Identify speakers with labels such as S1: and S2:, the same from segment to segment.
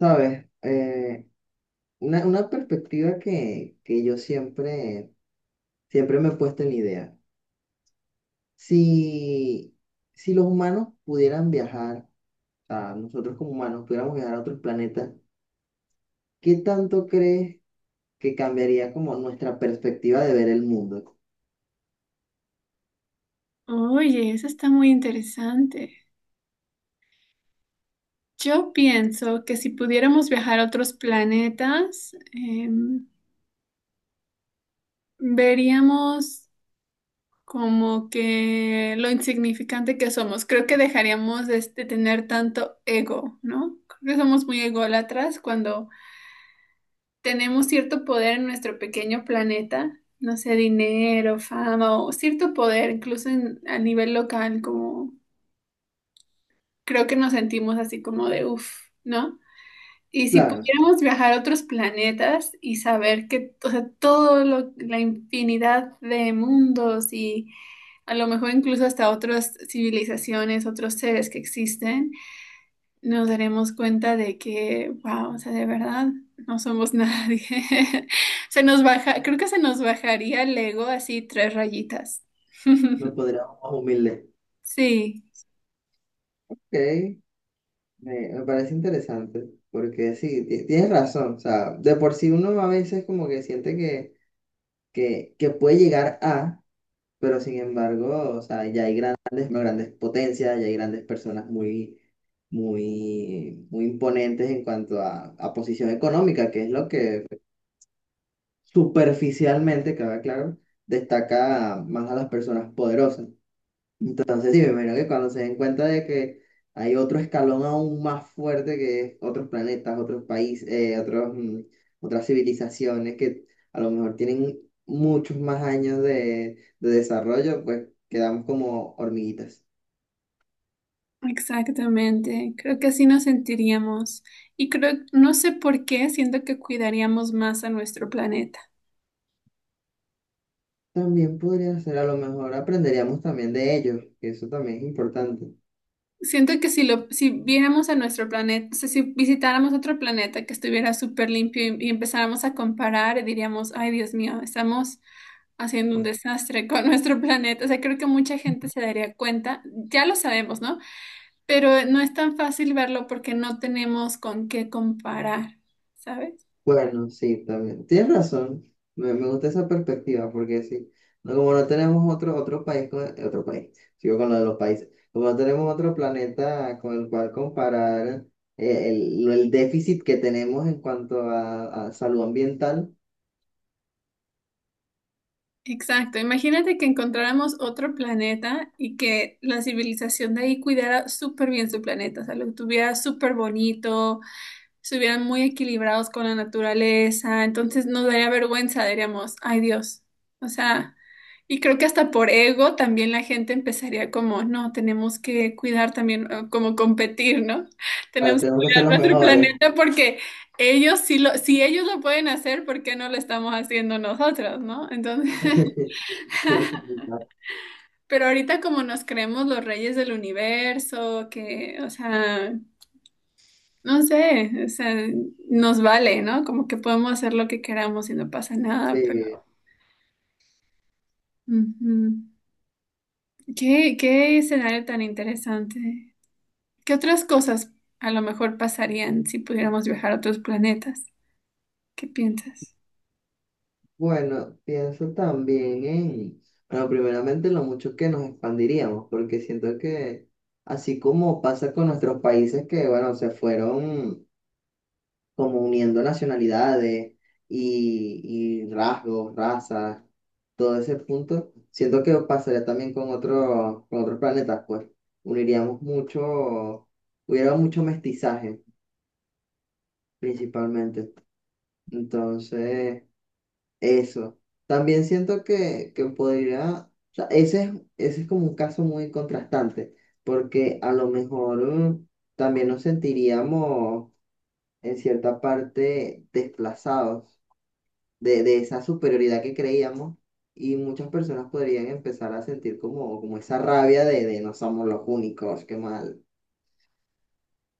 S1: Sabes. Una perspectiva que yo siempre me he puesto en la idea. Si, si los humanos pudieran viajar, o sea, nosotros como humanos pudiéramos viajar a otros planetas, ¿qué tanto crees que cambiaría como nuestra perspectiva de ver el mundo?
S2: Oye, eso está muy interesante. Yo pienso que si pudiéramos viajar a otros planetas, veríamos como que lo insignificante que somos. Creo que dejaríamos de tener tanto ego, ¿no? Creo que somos muy ególatras cuando tenemos cierto poder en nuestro pequeño planeta, no sé, dinero, fama o cierto poder, incluso a nivel local, como creo que nos sentimos así como de uff, ¿no? Y si
S1: Claro,
S2: pudiéramos viajar a otros planetas y saber que, o sea, todo lo, la infinidad de mundos y a lo mejor incluso hasta otras civilizaciones, otros seres que existen, nos daremos cuenta de que, wow, o sea, de verdad no somos nadie. Se nos baja, creo que se nos bajaría el ego así tres rayitas.
S1: nos podríamos más humildes.
S2: Sí.
S1: Ok, me parece interesante, porque sí, tienes razón. O sea, de por sí uno a veces como que siente que puede llegar a... Pero sin embargo, o sea, ya hay grandes, no, grandes potencias, ya hay grandes personas muy, muy, muy imponentes en cuanto a posición económica, que es lo que superficialmente, queda claro, destaca más a las personas poderosas. Entonces, sí, me imagino que cuando se den cuenta de que hay otro escalón aún más fuerte que es otros planetas, otros países, otros, otras civilizaciones que a lo mejor tienen muchos más años de desarrollo, pues quedamos como hormiguitas.
S2: Exactamente, creo que así nos sentiríamos y creo, no sé por qué, siento que cuidaríamos más a nuestro planeta.
S1: También podría ser, a lo mejor aprenderíamos también de ellos, que eso también es importante.
S2: Siento que si viéramos a nuestro planeta, o sea, si visitáramos otro planeta que estuviera súper limpio y empezáramos a comparar, diríamos, ay, Dios mío, estamos haciendo un desastre con nuestro planeta. O sea, creo que mucha gente se daría cuenta, ya lo sabemos, ¿no? Pero no es tan fácil verlo porque no tenemos con qué comparar, ¿sabes?
S1: Bueno, sí, también. Tienes razón. Me gusta esa perspectiva porque sí, no, como no tenemos otro, otro país, con, otro país, sigo con lo de los países, como no tenemos otro planeta con el cual comparar el, el déficit que tenemos en cuanto a salud ambiental,
S2: Exacto, imagínate que encontráramos otro planeta y que la civilización de ahí cuidara súper bien su planeta, o sea, lo tuviera súper bonito, estuvieran muy equilibrados con la naturaleza, entonces nos daría vergüenza, diríamos, ay Dios, o sea, y creo que hasta por ego también la gente empezaría como, no, tenemos que cuidar también, como competir, ¿no?
S1: ahora
S2: Tenemos que
S1: tenemos que ser
S2: cuidar
S1: los
S2: nuestro
S1: mejores.
S2: planeta porque... Ellos si ellos lo pueden hacer, ¿por qué no lo estamos haciendo nosotros, no? Entonces, pero ahorita como nos creemos los reyes del universo, que, o sea, no sé, o sea, nos vale, ¿no? Como que podemos hacer lo que queramos y no pasa nada, pero...
S1: Sí.
S2: Ujú. ¿Qué escenario tan interesante? ¿Qué otras cosas a lo mejor pasarían si pudiéramos viajar a otros planetas? ¿Qué piensas?
S1: Bueno, pienso también en, bueno, primeramente lo mucho que nos expandiríamos, porque siento que así como pasa con nuestros países que, bueno, se fueron como uniendo nacionalidades y rasgos, razas, todo ese punto, siento que pasaría también con otros planetas, pues uniríamos mucho, hubiera mucho mestizaje principalmente. Entonces... Eso. También siento que podría, o sea, ese es como un caso muy contrastante, porque a lo mejor también nos sentiríamos en cierta parte desplazados de esa superioridad que creíamos y muchas personas podrían empezar a sentir como, como esa rabia de no somos los únicos, qué mal.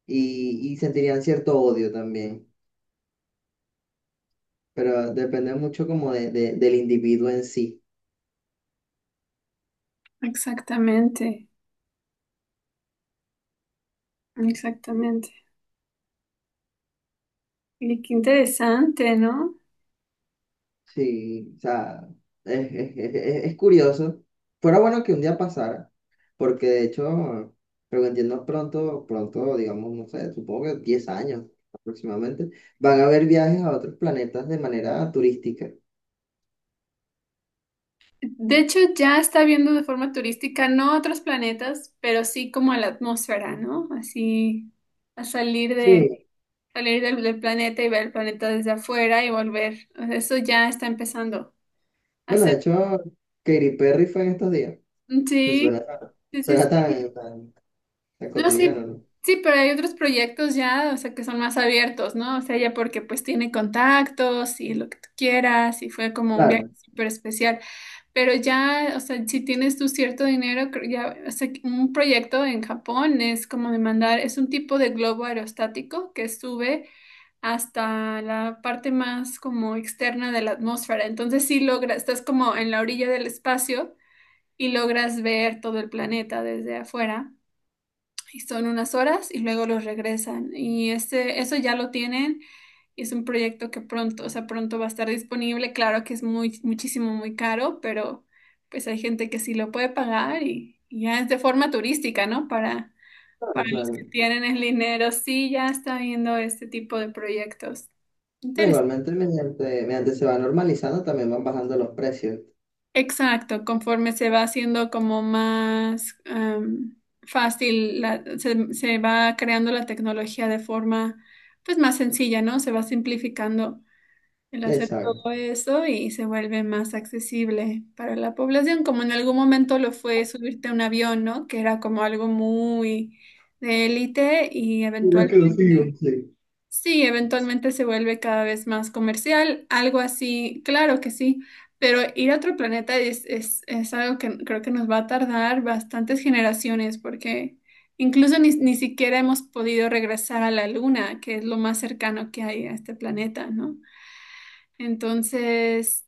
S1: Y sentirían cierto odio también, pero depende mucho como de, del individuo en sí.
S2: Exactamente, exactamente. Y qué interesante, ¿no?
S1: Sí, o sea, es, es curioso. Fuera bueno que un día pasara, porque de hecho, pero que entiendo pronto, pronto, digamos, no sé, supongo que 10 años aproximadamente, van a haber viajes a otros planetas de manera turística.
S2: De hecho, ya está viendo de forma turística, no a otros planetas, pero sí como a la atmósfera, ¿no? Así, a salir de,
S1: Sí,
S2: salir del, del planeta y ver el planeta desde afuera y volver. O sea, eso ya está empezando a
S1: bueno,
S2: hacer.
S1: de hecho, Katy Perry fue en estos días.
S2: Sí,
S1: Suena,
S2: sí,
S1: suena
S2: sí,
S1: tan, tan, tan
S2: no, sí,
S1: cotidiano, ¿no?
S2: sí, pero hay otros proyectos ya, o sea, que son más abiertos, ¿no? O sea, ya porque pues tiene contactos y lo que tú quieras y fue como un viaje
S1: Claro,
S2: súper especial. Pero ya, o sea, si tienes tu cierto dinero, creo ya, o sea, que un proyecto en Japón es como de mandar, es un tipo de globo aerostático que sube hasta la parte más como externa de la atmósfera. Entonces sí logras, estás como en la orilla del espacio y logras ver todo el planeta desde afuera y son unas horas y luego los regresan. Y este, eso ya lo tienen y es un proyecto que pronto, o sea, pronto va a estar disponible. Claro que es muy, muchísimo, muy caro, pero pues hay gente que sí lo puede pagar y ya es de forma turística, ¿no? Para,
S1: claro,
S2: para los que
S1: claro.
S2: tienen el dinero, sí, ya está viendo este tipo de proyectos.
S1: No,
S2: Interesante.
S1: igualmente, mediante, mediante se va normalizando, también van bajando los precios.
S2: Exacto, conforme se va haciendo como más fácil, se va creando la tecnología de forma pues más sencilla, ¿no? Se va simplificando el hacer
S1: Exacto.
S2: todo eso y se vuelve más accesible para la población, como en algún momento lo fue subirte a un avión, ¿no? Que era como algo muy de élite y
S1: Mira que
S2: eventualmente
S1: lo sigo. Sí.
S2: sí, eventualmente se vuelve cada vez más comercial, algo así, claro que sí, pero ir a otro planeta es algo que creo que nos va a tardar bastantes generaciones porque incluso ni siquiera hemos podido regresar a la Luna, que es lo más cercano que hay a este planeta, ¿no? Entonces,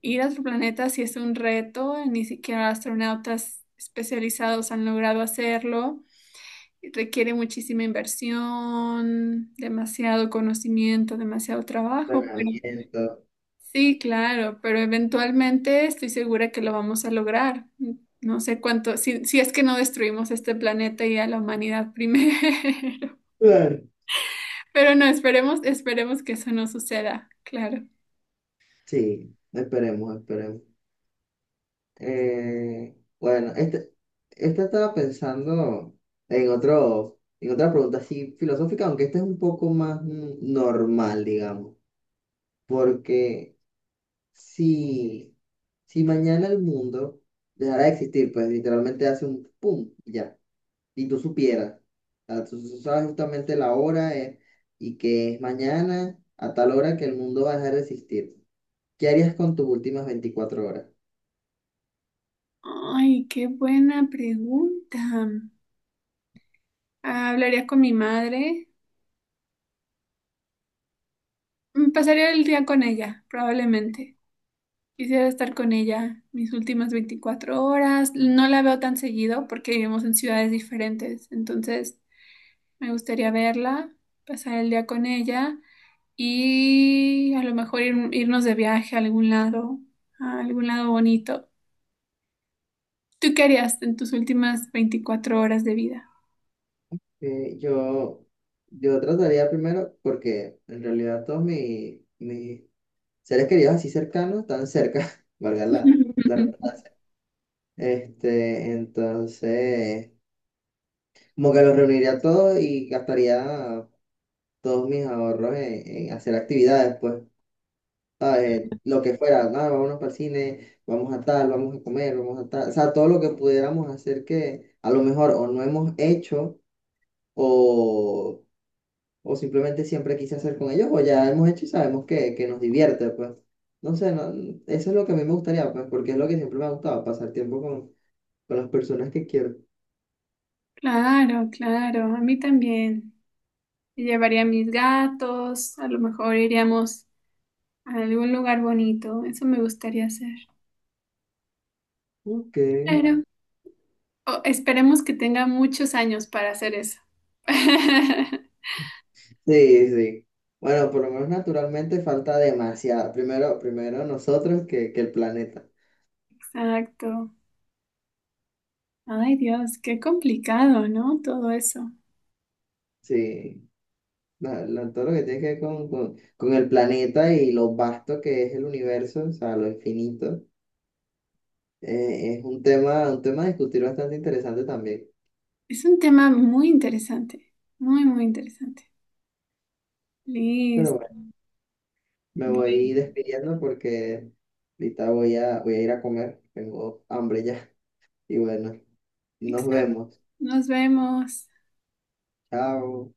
S2: ir a otro planeta sí es un reto, ni siquiera astronautas especializados han logrado hacerlo. Requiere muchísima inversión, demasiado conocimiento, demasiado trabajo, pero
S1: Entrenamiento.
S2: sí, claro, pero eventualmente estoy segura que lo vamos a lograr. No sé cuánto, si es que no destruimos este planeta y a la humanidad primero.
S1: Claro.
S2: Pero no, esperemos, esperemos que eso no suceda, claro.
S1: Sí, esperemos, esperemos. Eh, bueno, este, esta estaba pensando en otro, en otra pregunta así filosófica, aunque esta es un poco más normal, digamos. Porque si, si mañana el mundo dejara de existir, pues literalmente hace un pum, ya, y tú supieras, o sea, tú sabes justamente la hora y que es mañana a tal hora que el mundo va a dejar de existir. ¿Qué harías con tus últimas 24 horas?
S2: Ay, qué buena pregunta. Ah, hablaría con mi madre, pasaría el día con ella, probablemente. Quisiera estar con ella mis últimas 24 horas. No la veo tan seguido porque vivimos en ciudades diferentes. Entonces, me gustaría verla, pasar el día con ella y a lo mejor irnos de viaje a algún lado bonito. ¿Tú qué harías en tus últimas 24 horas de vida?
S1: Eh, yo, yo trataría primero, porque en realidad todos mis seres queridos así cercanos están cerca, valga la, la redundancia. Este, entonces, como que los reuniría a todos y gastaría todos mis ahorros en hacer actividades, pues, ¿sabes? Lo que fuera, ah, vámonos para el cine, vamos a tal, vamos a comer, vamos a tal, o sea, todo lo que pudiéramos hacer que a lo mejor o no hemos hecho o o simplemente siempre quise hacer con ellos, o ya hemos hecho y sabemos que nos divierte, pues. No sé, eso es lo que a mí me gustaría, pues, porque es lo que siempre me ha gustado, pasar tiempo con las personas que quiero.
S2: Claro, claro, a mí también. Me llevaría a mis gatos, a lo mejor iríamos a algún lugar bonito. Eso me gustaría hacer.
S1: Ok.
S2: Claro. O- esperemos que tenga muchos años para hacer eso.
S1: Sí, sí. Bueno, por lo menos naturalmente falta demasiado. Primero, primero nosotros que el planeta.
S2: Exacto. Ay, Dios, qué complicado, ¿no? Todo eso.
S1: Sí. Todo lo que tiene que ver con el planeta y lo vasto que es el universo, o sea, lo infinito, es un tema a discutir bastante interesante también.
S2: Es un tema muy interesante, muy, muy interesante.
S1: Pero
S2: Listo.
S1: me voy
S2: Bueno,
S1: despidiendo porque ahorita voy a, voy a ir a comer. Tengo hambre ya. Y bueno, nos
S2: exacto.
S1: vemos.
S2: Nos vemos.
S1: Chao.